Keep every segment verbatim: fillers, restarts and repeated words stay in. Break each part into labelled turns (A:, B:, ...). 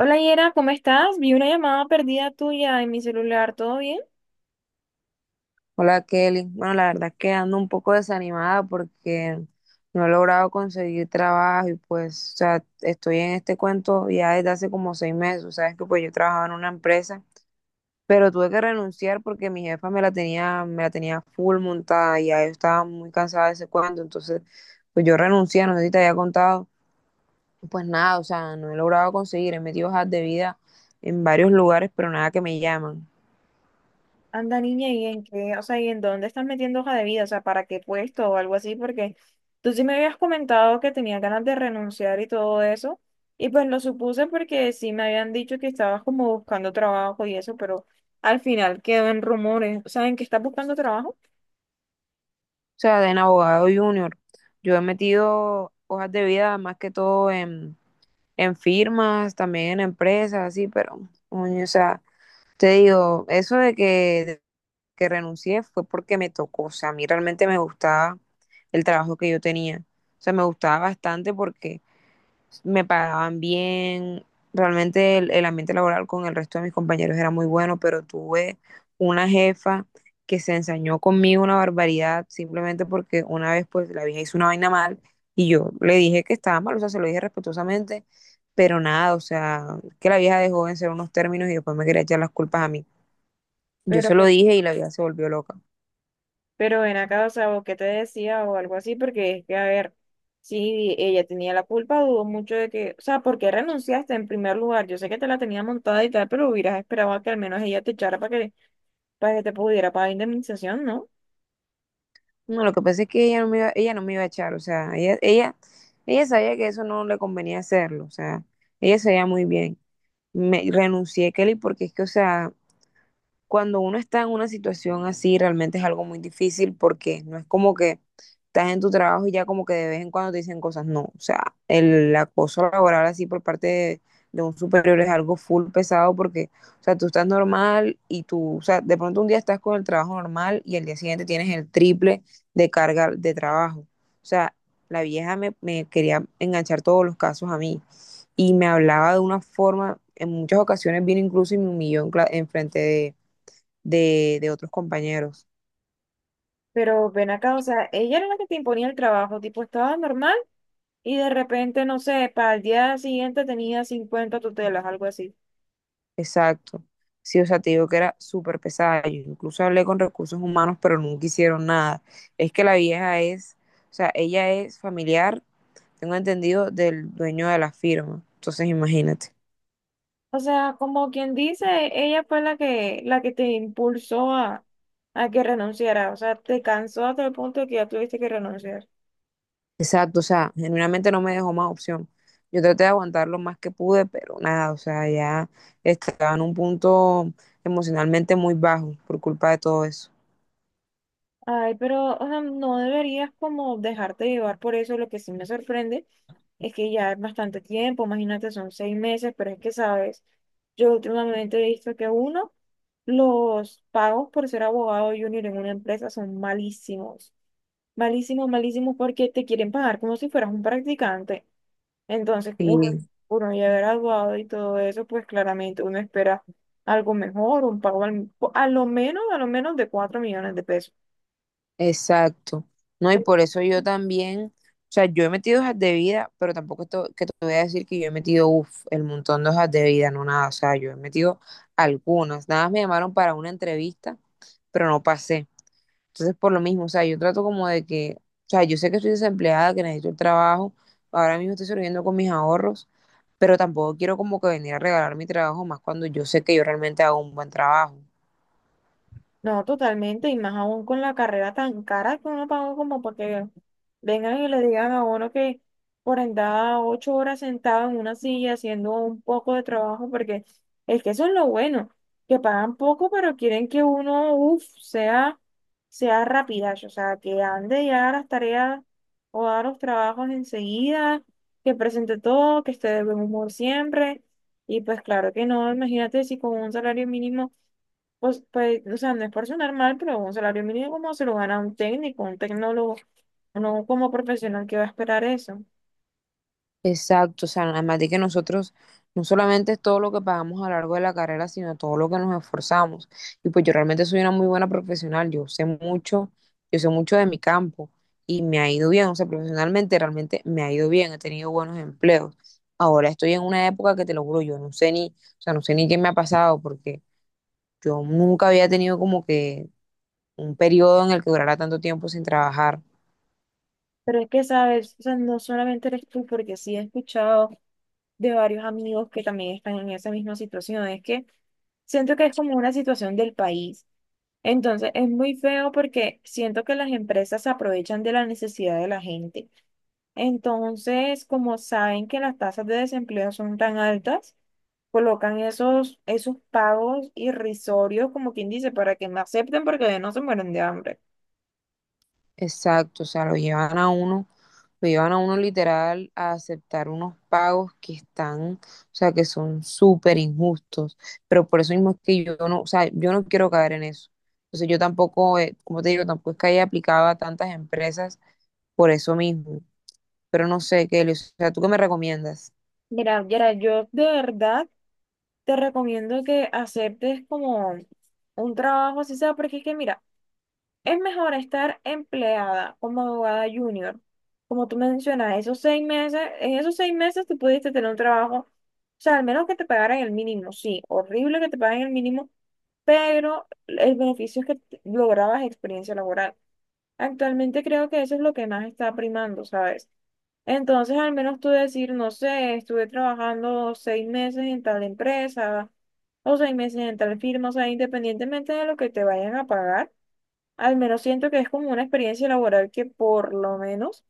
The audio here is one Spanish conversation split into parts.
A: Hola Yera, ¿cómo estás? Vi una llamada perdida tuya en mi celular, ¿todo bien?
B: Hola Kelly. Bueno, la verdad es que ando un poco desanimada porque no he logrado conseguir trabajo y pues, o sea, estoy en este cuento ya desde hace como seis meses. Sabes que pues yo trabajaba en una empresa, pero tuve que renunciar porque mi jefa me la tenía, me la tenía full montada y ya yo estaba muy cansada de ese cuento. Entonces, pues yo renuncié, no sé si te había contado. Pues nada, o sea, no he logrado conseguir, he metido hojas de vida en varios lugares, pero nada que me llaman.
A: Anda niña, ¿y en qué? O sea, ¿y en dónde estás metiendo hoja de vida? O sea, ¿para qué puesto o algo así? Porque tú sí me habías comentado que tenías ganas de renunciar y todo eso, y pues lo supuse porque sí me habían dicho que estabas como buscando trabajo y eso, pero al final quedó en rumores. O sea, ¿en qué estás buscando trabajo?
B: O sea, en abogado junior. Yo he metido hojas de vida más que todo en, en firmas, también en empresas, así, pero, oye, o sea, te digo, eso de que, de que renuncié fue porque me tocó. O sea, a mí realmente me gustaba el trabajo que yo tenía. O sea, me gustaba bastante porque me pagaban bien, realmente el, el ambiente laboral con el resto de mis compañeros era muy bueno, pero tuve una jefa que se ensañó conmigo una barbaridad simplemente porque una vez pues la vieja hizo una vaina mal y yo le dije que estaba mal, o sea, se lo dije respetuosamente, pero nada, o sea, que la vieja dejó en ser unos términos y después me quería echar las culpas a mí. Yo
A: Pero
B: se lo dije y la vieja se volvió loca.
A: Pero ven acá, o sea, ¿o qué te decía o algo así? Porque es que, a ver, si ella tenía la culpa, dudo mucho de que, o sea, ¿por qué renunciaste en primer lugar? Yo sé que te la tenía montada y tal, pero hubieras esperado a que al menos ella te echara para que, para que te pudiera pagar indemnización, ¿no?
B: No, lo que pasa es que ella no me iba, ella no me iba a echar, o sea, ella, ella, ella sabía que eso no le convenía hacerlo, o sea, ella sabía muy bien. Me renuncié, Kelly, porque es que, o sea, cuando uno está en una situación así, realmente es algo muy difícil porque no es como que estás en tu trabajo y ya como que de vez en cuando te dicen cosas. No, o sea, el acoso laboral así por parte de, de un superior es algo full pesado porque, o sea, tú estás normal y tú, o sea, de pronto un día estás con el trabajo normal y el día siguiente tienes el triple de carga de trabajo. O sea, la vieja me, me quería enganchar todos los casos a mí y me hablaba de una forma, en muchas ocasiones vino incluso y me humilló en, cla- en frente de de, de otros compañeros.
A: Pero ven acá, o sea, ella era la que te imponía el trabajo, tipo, estaba normal y de repente, no sé, para el día siguiente tenía cincuenta tutelas, algo así.
B: Exacto. Sí, o sea, te digo que era súper pesada. Yo incluso hablé con recursos humanos, pero nunca hicieron nada. Es que la vieja es, o sea, ella es familiar, tengo entendido, del dueño de la firma. Entonces, imagínate.
A: O sea, como quien dice, ella fue la que, la que te impulsó a, a que renunciara. O sea, te cansó hasta el punto de que ya tuviste que renunciar.
B: Exacto, o sea, genuinamente no me dejó más opción. Yo traté de aguantar lo más que pude, pero nada, o sea, ya estaba en un punto emocionalmente muy bajo por culpa de todo eso.
A: Ay, pero o sea, no deberías como dejarte llevar por eso. Lo que sí me sorprende es que ya es bastante tiempo, imagínate, son seis meses, pero es que, sabes, yo últimamente he visto que uno, los pagos por ser abogado junior en una empresa son malísimos, malísimos, malísimos porque te quieren pagar como si fueras un practicante. Entonces, uno, uno ya graduado y todo eso, pues claramente uno espera algo mejor, un pago al- a lo menos, a lo menos de cuatro millones de pesos.
B: Exacto. No, y por eso yo también, o sea, yo he metido hojas de vida, pero tampoco esto, que te voy a decir que yo he metido, uff, el montón de hojas de vida, no nada, o sea, yo he metido algunas, nada más me llamaron para una entrevista, pero no pasé. Entonces, por lo mismo, o sea, yo trato como de que, o sea, yo sé que estoy desempleada, que necesito el trabajo, ahora mismo estoy sobreviviendo con mis ahorros, pero tampoco quiero como que venir a regalar mi trabajo, más cuando yo sé que yo realmente hago un buen trabajo.
A: No, totalmente, y más aún con la carrera tan cara que uno pagó como para que vengan y le digan a uno que por andar ocho horas sentado en una silla haciendo un poco de trabajo, porque es que eso es lo bueno, que pagan poco, pero quieren que uno, uff, sea, sea rapidazo, o sea, que ande ya haga las tareas o haga los trabajos enseguida, que presente todo, que esté de buen humor siempre, y pues claro que no, imagínate si con un salario mínimo. Pues, pues, o sea, no es por sonar mal, pero un salario mínimo como se lo gana un técnico, un tecnólogo, no como profesional que va a esperar eso.
B: Exacto, o sea, además de que nosotros no solamente es todo lo que pagamos a lo largo de la carrera, sino todo lo que nos esforzamos. Y pues yo realmente soy una muy buena profesional, yo sé mucho, yo sé mucho de mi campo y me ha ido bien, o sea, profesionalmente realmente me ha ido bien, he tenido buenos empleos. Ahora estoy en una época que te lo juro, yo no sé ni, o sea, no sé ni qué me ha pasado porque yo nunca había tenido como que un periodo en el que durara tanto tiempo sin trabajar.
A: Pero es que, sabes, o sea, no solamente eres tú, porque sí he escuchado de varios amigos que también están en esa misma situación. Es que siento que es como una situación del país. Entonces, es muy feo porque siento que las empresas se aprovechan de la necesidad de la gente. Entonces, como saben que las tasas de desempleo son tan altas, colocan esos, esos pagos irrisorios, como quien dice, para que me acepten porque no se mueren de hambre.
B: Exacto, o sea, lo llevan a uno, lo llevan a uno literal a aceptar unos pagos que están, o sea, que son súper injustos, pero por eso mismo es que yo no, o sea, yo no quiero caer en eso. Entonces yo tampoco, eh, como te digo, tampoco es que haya aplicado a tantas empresas por eso mismo, pero no sé, Kelly, o sea, ¿tú qué me recomiendas?
A: Mira, Yara, yo de verdad te recomiendo que aceptes como un trabajo así sea, porque es que mira, es mejor estar empleada como abogada junior. Como tú mencionas, esos seis meses, en esos seis meses tú pudiste tener un trabajo, o sea, al menos que te pagaran el mínimo, sí, horrible que te paguen el mínimo, pero el beneficio es que t- lograbas experiencia laboral. Actualmente creo que eso es lo que más está primando, ¿sabes? Entonces, al menos tú decir, no sé, estuve trabajando seis meses en tal empresa o seis meses en tal firma, o sea, independientemente de lo que te vayan a pagar, al menos siento que es como una experiencia laboral que por lo menos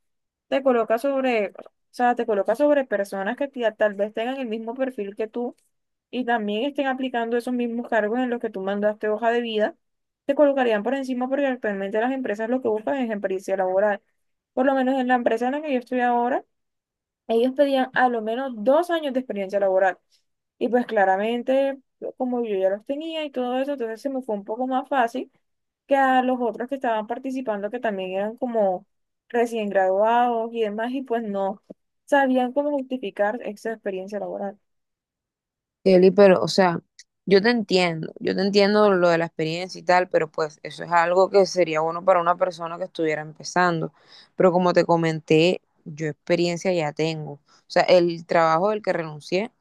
A: te coloca sobre, o sea, te coloca sobre personas que ti- tal vez tengan el mismo perfil que tú y también estén aplicando esos mismos cargos en los que tú mandaste hoja de vida, te colocarían por encima porque actualmente las empresas lo que buscan es experiencia laboral. Por lo menos en la empresa en la que yo estoy ahora, ellos pedían a lo menos dos años de experiencia laboral. Y pues claramente, como yo ya los tenía y todo eso, entonces se me fue un poco más fácil que a los otros que estaban participando, que también eran como recién graduados y demás, y pues no sabían cómo justificar esa experiencia laboral.
B: Kelly, pero, o sea, yo te entiendo, yo te entiendo lo de la experiencia y tal, pero pues eso es algo que sería bueno para una persona que estuviera empezando. Pero como te comenté, yo experiencia ya tengo. O sea, el trabajo del que renuncié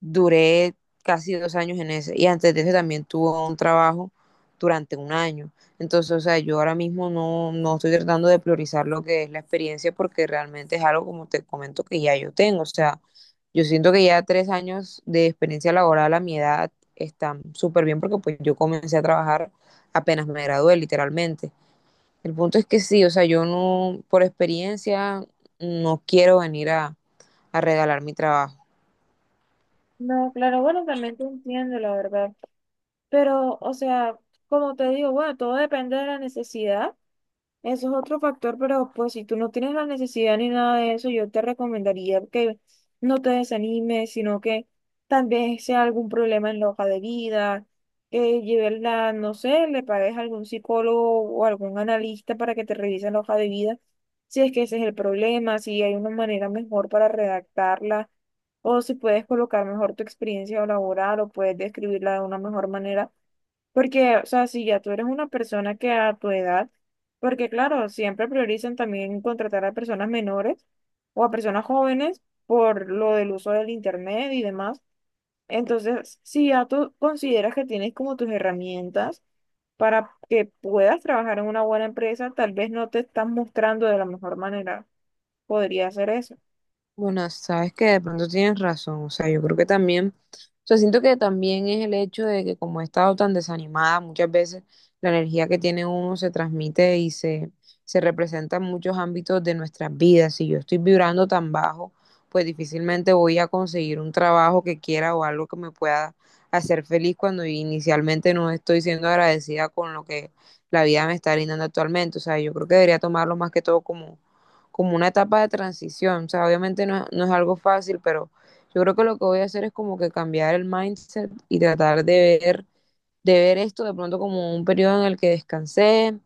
B: duré casi dos años en ese. Y antes de eso también tuve un trabajo durante un año. Entonces, o sea, yo ahora mismo no, no estoy tratando de priorizar lo que es la experiencia porque realmente es algo, como te comento, que ya yo tengo. O sea, yo siento que ya tres años de experiencia laboral a mi edad están súper bien porque pues yo comencé a trabajar apenas me gradué, literalmente. El punto es que sí, o sea, yo no, por experiencia, no quiero venir a, a regalar mi trabajo.
A: No, claro, bueno, también te entiendo, la verdad. Pero, o sea, como te digo, bueno, todo depende de la necesidad. Eso es otro factor, pero pues si tú no tienes la necesidad ni nada de eso, yo te recomendaría que no te desanimes, sino que tal vez sea algún problema en la hoja de vida, que lleves la, no sé, le pagues a algún psicólogo o algún analista para que te revise la hoja de vida, si es que ese es el problema, si hay una manera mejor para redactarla, o si puedes colocar mejor tu experiencia laboral o puedes describirla de una mejor manera porque, o sea, si ya tú eres una persona que a tu edad, porque claro, siempre priorizan también contratar a personas menores o a personas jóvenes por lo del uso del internet y demás. Entonces, si ya tú consideras que tienes como tus herramientas para que puedas trabajar en una buena empresa, tal vez no te estás mostrando de la mejor manera. Podría ser eso.
B: Bueno, sabes que de pronto tienes razón, o sea, yo creo que también, o sea, siento que también es el hecho de que como he estado tan desanimada, muchas veces la energía que tiene uno se transmite y se, se representa en muchos ámbitos de nuestras vidas. Si yo estoy vibrando tan bajo, pues difícilmente voy a conseguir un trabajo que quiera o algo que me pueda hacer feliz cuando inicialmente no estoy siendo agradecida con lo que la vida me está brindando actualmente. O sea, yo creo que debería tomarlo más que todo como como una etapa de transición. O sea, obviamente no, no es algo fácil, pero yo creo que lo que voy a hacer es como que cambiar el mindset y tratar de ver, de ver esto de pronto como un periodo en el que descansé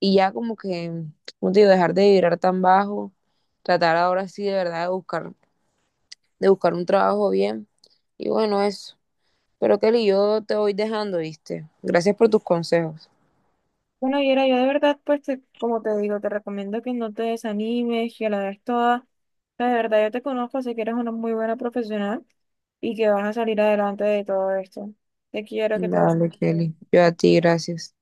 B: y ya como que, como te digo, dejar de vibrar tan bajo, tratar ahora sí de verdad de buscar, de buscar un trabajo bien. Y bueno, eso. Pero Kelly, yo te voy dejando, ¿viste? Gracias por tus consejos.
A: Bueno, Yera, yo de verdad, pues, te- como te digo, te recomiendo que no te desanimes, que la des toda. O sea, de verdad, yo te conozco, sé que eres una muy buena profesional y que vas a salir adelante de todo esto. Te quiero que te... vaya
B: Dale, Kelly. Yo a
A: bien.
B: ti, gracias.